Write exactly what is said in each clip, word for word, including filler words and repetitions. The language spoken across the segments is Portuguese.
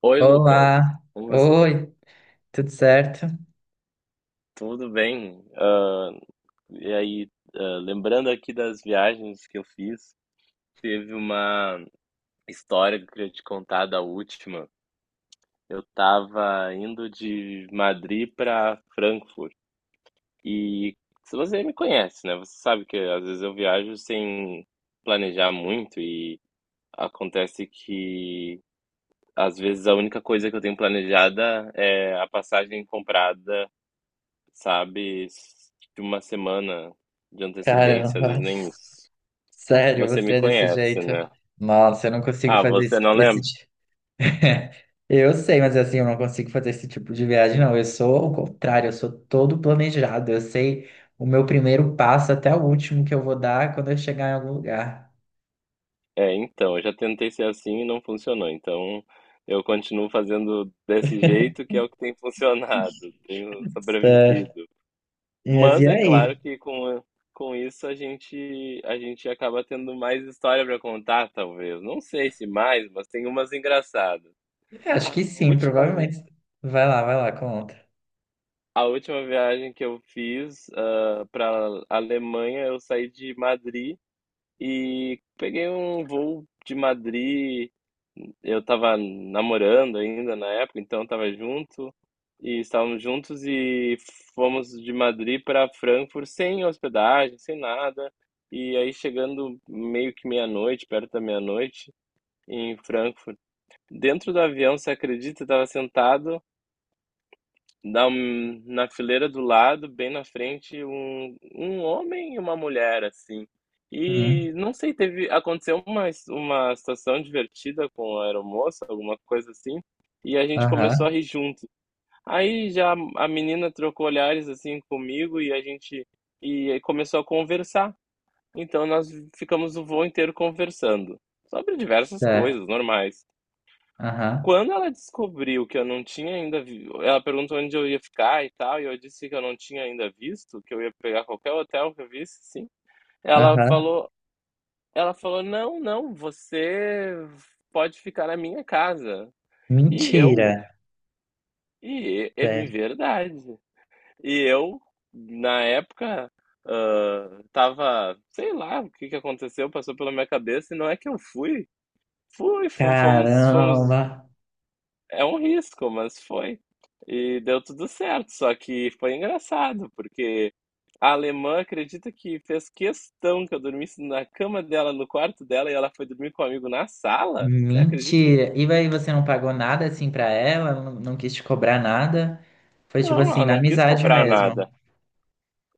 Oi, Lucas. Olá, Como você- oi, tudo certo? Tudo bem? Ah, e aí, ah, lembrando aqui das viagens que eu fiz, teve uma história que eu queria te contar da última. Eu estava indo de Madrid para Frankfurt. E se você me conhece, né? Você sabe que às vezes eu viajo sem planejar muito e acontece que às vezes a única coisa que eu tenho planejada é a passagem comprada, sabe? De uma semana de antecedência, às Caramba, vezes nem isso. sério, Você você me é desse conhece, jeito? né? Nossa, eu não consigo Ah, fazer esse, você não esse lembra? tipo. Eu sei, mas assim, eu não consigo fazer esse tipo de viagem, não. Eu sou o contrário, eu sou todo planejado. Eu sei o meu primeiro passo até o último que eu vou dar quando eu chegar em algum lugar. É, então, eu já tentei ser assim e não funcionou. Então, eu continuo fazendo desse jeito, que é o que tem funcionado. Tenho Certo. sobrevivido. Mas e Mas é claro aí? que com, com isso a gente a gente acaba tendo mais história para contar, talvez. Não sei se mais, mas tem umas engraçadas. É, Acho A que sim, última vez. provavelmente. Vai lá, vai lá, conta. A última viagem que eu fiz, para Alemanha, eu saí de Madrid e peguei um voo de Madrid. Eu estava namorando ainda na época, então estava junto e estávamos juntos e fomos de Madrid para Frankfurt sem hospedagem, sem nada. E aí chegando meio que meia-noite, perto da meia-noite, em Frankfurt, dentro do avião, você acredita, eu estava sentado. Dá um na fileira do lado, bem na frente, um um homem e uma mulher, assim. Hum, E não sei, teve aconteceu uma uma situação divertida com a aeromoça, alguma coisa assim, e a gente Aham, começou a rir junto. Aí já a menina trocou olhares, assim, comigo e a gente e aí começou a conversar. Então nós ficamos o voo inteiro conversando sobre diversas certo. coisas normais. Aham, Quando ela descobriu que eu não tinha ainda vi ela perguntou onde eu ia ficar e tal, e eu disse que eu não tinha ainda visto, que eu ia pegar qualquer hotel que eu visse, sim. Ela aham. falou Ela falou: "Não, não, você pode ficar na minha casa". E Mentira. eu e é é me verdade. E eu, na época, hã, estava sei lá o que que aconteceu, passou pela minha cabeça, e não é que eu fui. Fui, fo fomos fomos Caramba! É um risco, mas foi. E deu tudo certo, só que foi engraçado, porque a alemã acredita que fez questão que eu dormisse na cama dela, no quarto dela, e ela foi dormir com um amigo na sala? Você acredita Mentira! nisso? E aí você não pagou nada assim pra ela? Não, não quis te cobrar nada? Foi tipo Não, assim, ela na não quis amizade cobrar mesmo. nada.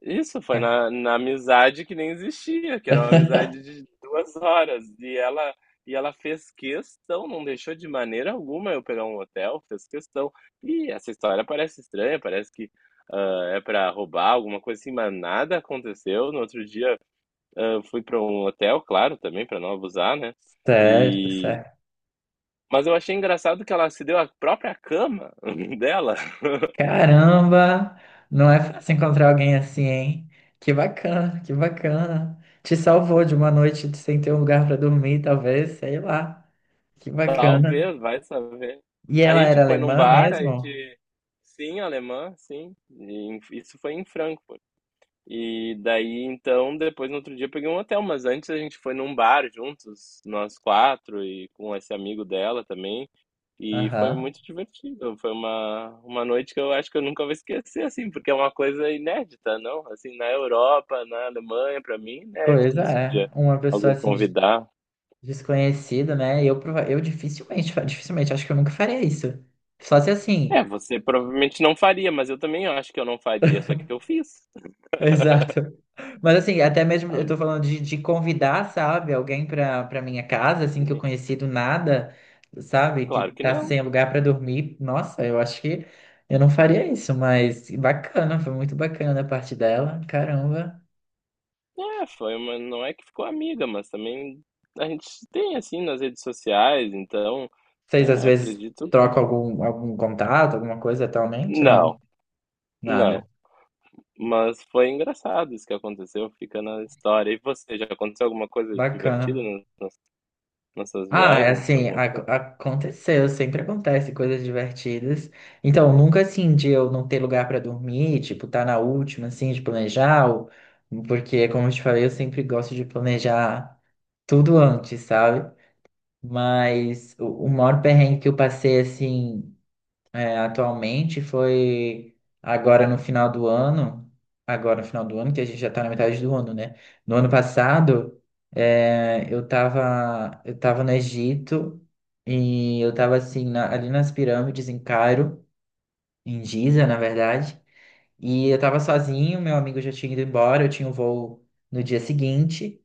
Isso, foi Ca- na na amizade que nem existia, que era uma amizade de duas horas, e ela e ela fez questão, não deixou de maneira alguma eu pegar um hotel, fez questão. E essa história parece estranha, parece que, hã, é para roubar, alguma coisa assim, mas nada aconteceu. No outro dia, hã, fui para um hotel, claro, também para não abusar, né, Certo, e certo. mas eu achei engraçado que ela se deu a própria cama dela, Caramba! Não é fácil encontrar alguém assim, hein? Que bacana, que bacana. Te salvou de uma noite sem ter um lugar pra dormir, talvez, sei lá. Que bacana. talvez, vai saber. E A ela gente era foi num alemã bar, a mesmo? gente. Sim, alemã, sim. E em- isso foi em Frankfurt. E daí, então, depois no outro dia eu peguei um hotel, mas antes a gente foi num bar juntos, nós quatro e com esse amigo dela também. E foi Aham. muito divertido. Foi uma, uma noite que eu acho que eu nunca vou esquecer, assim, porque é uma coisa inédita, não? Assim, na Europa, na Alemanha, pra mim, é Pois inédito isso de é. Uma pessoa alguém assim de convidar. desconhecido, né? Eu, prova- eu dificilmente, fa- dificilmente, acho que eu nunca faria isso. Só se É, assim, você provavelmente não faria, mas eu também acho que eu não faria, só que eu fiz. exato. Mas assim, até mesmo eu Ah, tô falando de, de convidar, sabe, alguém pra, pra minha casa, assim, que eu ne- conheci do nada, sabe, que Claro que tá não. sem lugar pra dormir. Nossa, eu acho que eu não faria isso, mas bacana, foi muito bacana a parte dela, caramba. É, foi uma não é que ficou amiga, mas também a gente se tem, assim, nas redes sociais, então, Vocês às eh, vezes acredito que trocam algum, algum contato, alguma coisa atualmente? Não, não, nada. não. Mas foi engraçado isso que aconteceu, fica na história. E você, já aconteceu alguma coisa divertida Bacana. nas nas nessas Ah, é viagens? assim, Alguma ac- coisa? aconteceu, sempre acontece coisas divertidas. Então, nunca assim de eu não ter lugar pra dormir, tipo, tá na última, assim, de planejar, ou- porque, como eu te falei, eu sempre gosto de planejar tudo antes, sabe? Mas o, o maior perrengue que eu passei, assim, é, atualmente foi agora no final do ano, agora no final do ano, que a gente já está na metade do ano, né? No ano passado, é, eu tava, eu tava no Egito e eu tava assim, na- ali nas pirâmides em Cairo, em Giza, na verdade, e eu tava sozinho, meu amigo já tinha ido embora, eu tinha um voo no dia seguinte,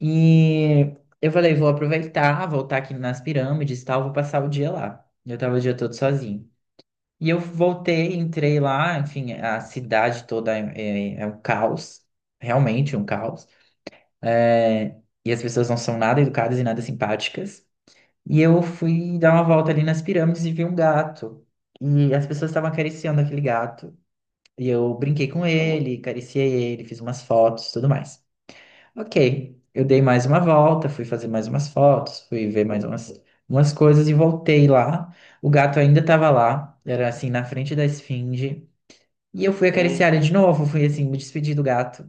e eu falei, vou aproveitar, voltar aqui nas pirâmides e tal, vou passar o dia lá. Eu tava o dia todo sozinho. E eu voltei, entrei lá, enfim, a cidade toda é, é- é um caos, realmente um caos. É, e as pessoas não são nada educadas e nada simpáticas. E eu fui dar uma volta ali nas pirâmides e vi um gato. E as pessoas estavam acariciando aquele gato. E eu brinquei com Como? ele, acariciei ele, fiz umas fotos, tudo mais. Ok, eu dei mais uma volta, fui fazer mais umas fotos, fui ver mais umas, umas coisas e voltei lá. O gato ainda estava lá, era assim, na frente da esfinge. E eu fui Hum, acariciar ele de novo, fui assim, me despedir do gato.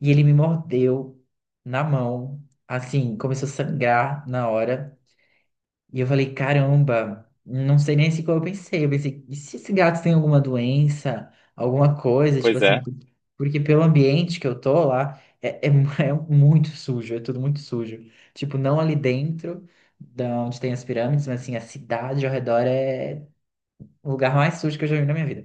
E ele me mordeu na mão, assim, começou a sangrar na hora. E eu falei, caramba, não sei nem se como eu pensei. Eu pensei, e se esse gato tem alguma doença, alguma coisa, tipo pois é. assim, por- porque pelo ambiente que eu tô lá, é, é, mu- é muito sujo, é tudo muito sujo. Tipo, não ali dentro, da onde tem as pirâmides, mas assim, a cidade ao redor é o lugar mais sujo que eu já vi na minha vida.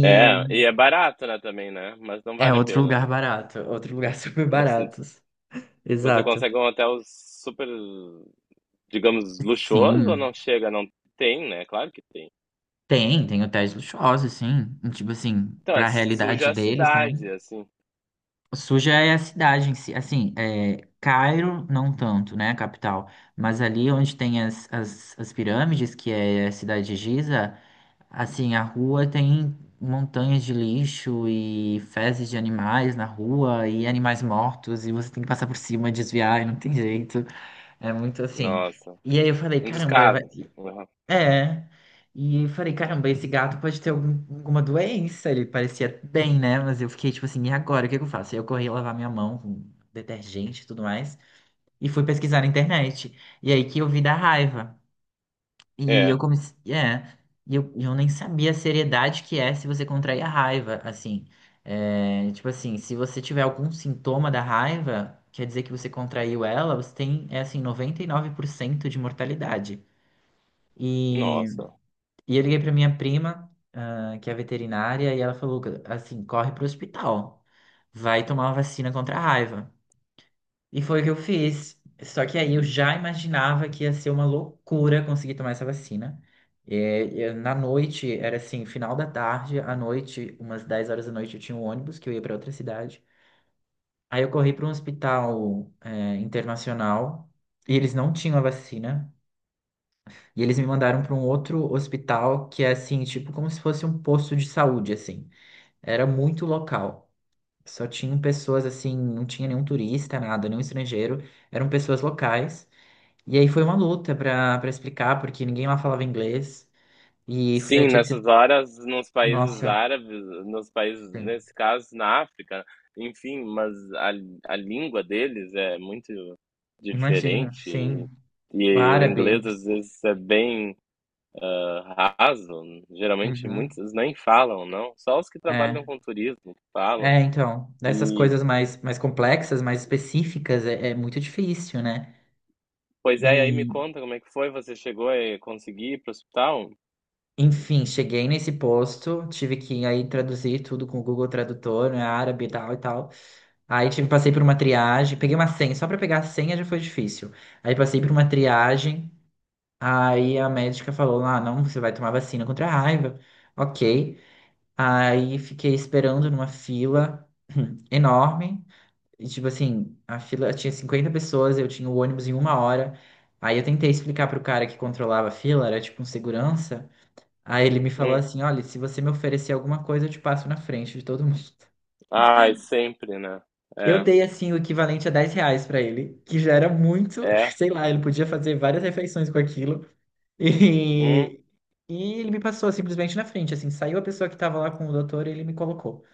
É, e é barato, né, também, né, mas não É vale a outro pena, lugar não. barato, outro lugar super Não barato. senti, você Exato. consegue um hotel super, digamos, luxuoso ou Sim, não chega? Não, tem, né, claro que tem. tem, tem hotéis luxuosos, sim. E, Tipo assim, Então, é pra realidade suja a deles também. cidade, assim. Suja é a cidade em si, assim, é, Cairo não tanto, né, a capital, mas ali onde tem as, as, as pirâmides, que é a cidade de Giza, assim, a rua tem montanhas de lixo e fezes de animais na rua e animais mortos e você tem que passar por cima, desviar e não tem jeito. É muito assim. Nossa. E aí eu falei, Um caramba, vai, descaso, assim. Uhum. é. E eu falei, caramba, esse gato pode ter algum- alguma doença. Ele parecia bem, né? Mas eu fiquei tipo assim, e agora? O que que eu faço? Aí eu corri lavar minha mão com detergente e tudo mais. E fui pesquisar na internet. E aí que eu vi da raiva. E eu É. comecei. É, e eu, e eu nem sabia a seriedade que é se você contrair a raiva, assim. É, tipo assim, se você tiver algum sintoma da raiva, quer dizer que você contraiu ela, você tem, é assim, noventa e nove por cento de mortalidade. E, Nossa. e eu liguei pra minha prima, ah, que é veterinária, e ela falou, assim, corre pro hospital, vai tomar uma vacina contra a raiva. E foi o que eu fiz. Só que aí eu já imaginava que ia ser uma loucura conseguir tomar essa vacina. É, é, na noite, era assim, final da tarde, à noite, umas dez horas da noite, eu tinha um ônibus que eu ia para outra cidade. Aí eu corri para um hospital, é, internacional e eles não tinham a vacina. E eles me mandaram para um outro hospital que é assim, tipo, como se fosse um posto de saúde, assim. Era muito local. Só tinham pessoas assim, não tinha nenhum turista, nada, nenhum estrangeiro. Eram pessoas locais. E aí foi uma luta pra para explicar, porque ninguém lá falava inglês. E eu Sim, tinha que ser. nessas horas, nos países Nossa, árabes, nos países, sim. nesse caso, na África, enfim, mas a, a língua deles é muito Imagina, diferente. sim. E, O e o árabe. inglês, às vezes, é bem ah, raso. Geralmente, Uhum. muitos nem falam, não. Só os que trabalham É. com turismo falam. É, então. Dessas E coisas mais, mais complexas, mais específicas, é, é muito difícil, né? pois E, é, e aí me conta como é que foi, você chegou a eh, conseguir ir pro hospital? enfim, cheguei nesse posto, tive que aí traduzir tudo com o Google Tradutor, né, árabe e tal e tal. Aí tive, passei por uma triagem, peguei uma senha, só para pegar a senha já foi difícil. Aí passei por uma triagem. Aí a médica falou: Ah, não, você vai tomar vacina contra a raiva. Ok. Aí fiquei esperando numa fila enorme. E, tipo assim, a fila tinha cinquenta pessoas, eu tinha o ônibus em uma hora. Aí eu tentei explicar pro cara que controlava a fila, era tipo um segurança. Aí ele me falou Hum. assim: Olha, se você me oferecer alguma coisa, eu te passo na frente de todo mundo. Ai, sempre, né? Eu É. dei assim o equivalente a dez reais pra ele, que já era muito, É. sei lá, ele podia fazer várias refeições com aquilo. Hum. E, e ele me passou simplesmente na frente, assim, saiu a pessoa que estava lá com o doutor e ele me colocou.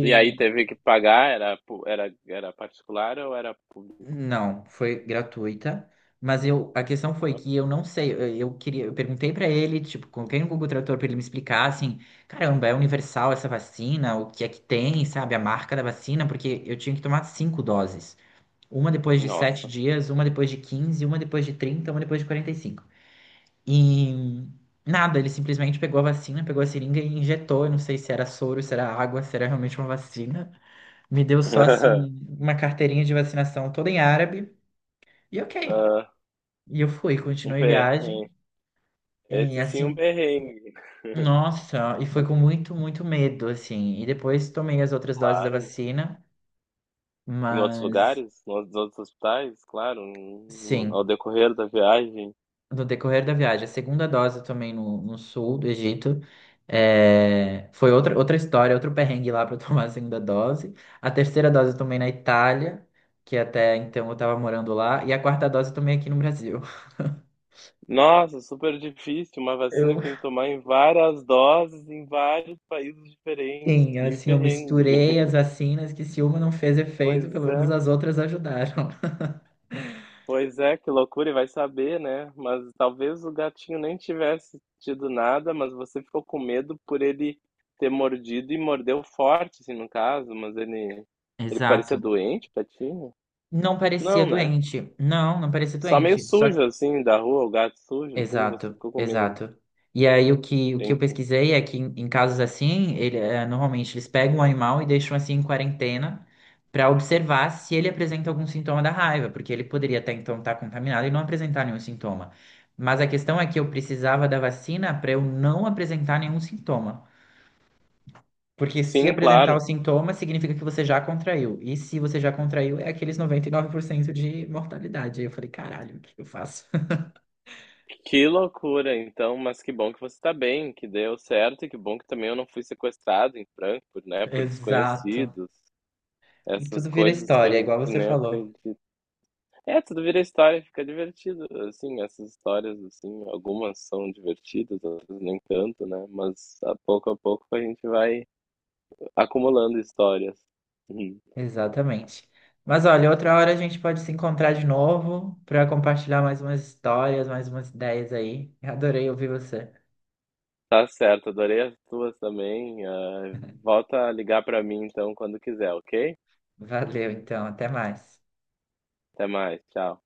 E aí teve que pagar, era pu- era era particular ou era público? não, foi gratuita, mas eu, a questão foi Olha. que eu não sei, eu, eu queria, eu perguntei pra ele, tipo, coloquei no Google Tradutor pra ele me explicar, assim, caramba, é universal essa vacina, o que é que tem, sabe, a marca da vacina, porque eu tinha que tomar cinco doses. Uma depois de sete Nossa. dias, uma depois de quinze, uma depois de trinta, uma depois de quarenta e cinco. E nada, ele simplesmente pegou a vacina, pegou a seringa e injetou. Eu não sei se era soro, se era água, se era realmente uma vacina. Me deu só assim um- uma carteirinha de vacinação toda em árabe. E ok. Ah, E eu fui, um continuei viagem. perrengue. E Esse sim, um assim, perrengue. nossa, e foi com muito, muito medo, assim. E depois tomei as outras doses da Claro. vacina, Em outros mas lugares, nos outros hospitais, claro, no- ao sim. decorrer da viagem. No decorrer da viagem. A segunda dose também no, no sul do Egito. É, foi outra, outra história, outro perrengue lá para eu tomar a segunda dose. A terceira dose também na Itália, que até então eu tava morando lá. E a quarta dose também aqui no Brasil. Nossa, super difícil. Uma vacina Eu, que tem que tomar em várias doses em vários países diferentes. sim, Que assim, eu perrengue. misturei as vacinas, que se uma não fez efeito, pelo Pois menos é, as outras ajudaram. pois é, que loucura. E vai saber, né? Mas talvez o gatinho nem tivesse tido nada, mas você ficou com medo por ele ter mordido e mordeu forte, assim, no caso. Mas ele, ele parecia Exato. doente, patinho? Não parecia Não, né? doente. Não, não parecia Só meio doente. Só. sujo, assim, da rua, o gato sujo, assim, você Exato, ficou com medo. exato. E aí o que, o que eu Entendi. pesquisei é que em, em casos assim, ele, eh, normalmente eles pegam o animal e deixam assim em quarentena para observar se ele apresenta algum sintoma da raiva, porque ele poderia até então estar contaminado e não apresentar nenhum sintoma. Mas a questão é que eu precisava da vacina para eu não apresentar nenhum sintoma. Porque se Sim, apresentar o claro. sintoma, significa que você já contraiu. E se você já contraiu, é aqueles noventa e nove por cento de mortalidade. Aí eu falei, caralho, o que eu faço? Que loucura, então, mas que bom que você está bem, que deu certo e que bom que também eu não fui sequestrado em Frankfurt, né, por Exato. desconhecidos. E Essas tudo vira coisas que a história, gente igual você nem falou. acredita. É, tudo vira história, fica divertido, assim, essas histórias, assim, algumas são divertidas, outras nem tanto, né, mas a pouco a pouco a gente vai acumulando histórias. Uhum. Exatamente. Mas olha, outra hora a gente pode se encontrar de novo para compartilhar mais umas histórias, mais umas ideias aí. Adorei ouvir você. Tá certo, adorei as tuas também. Ah, volta a ligar para mim, então, quando quiser, ok? Valeu, então, até mais. Até mais, tchau.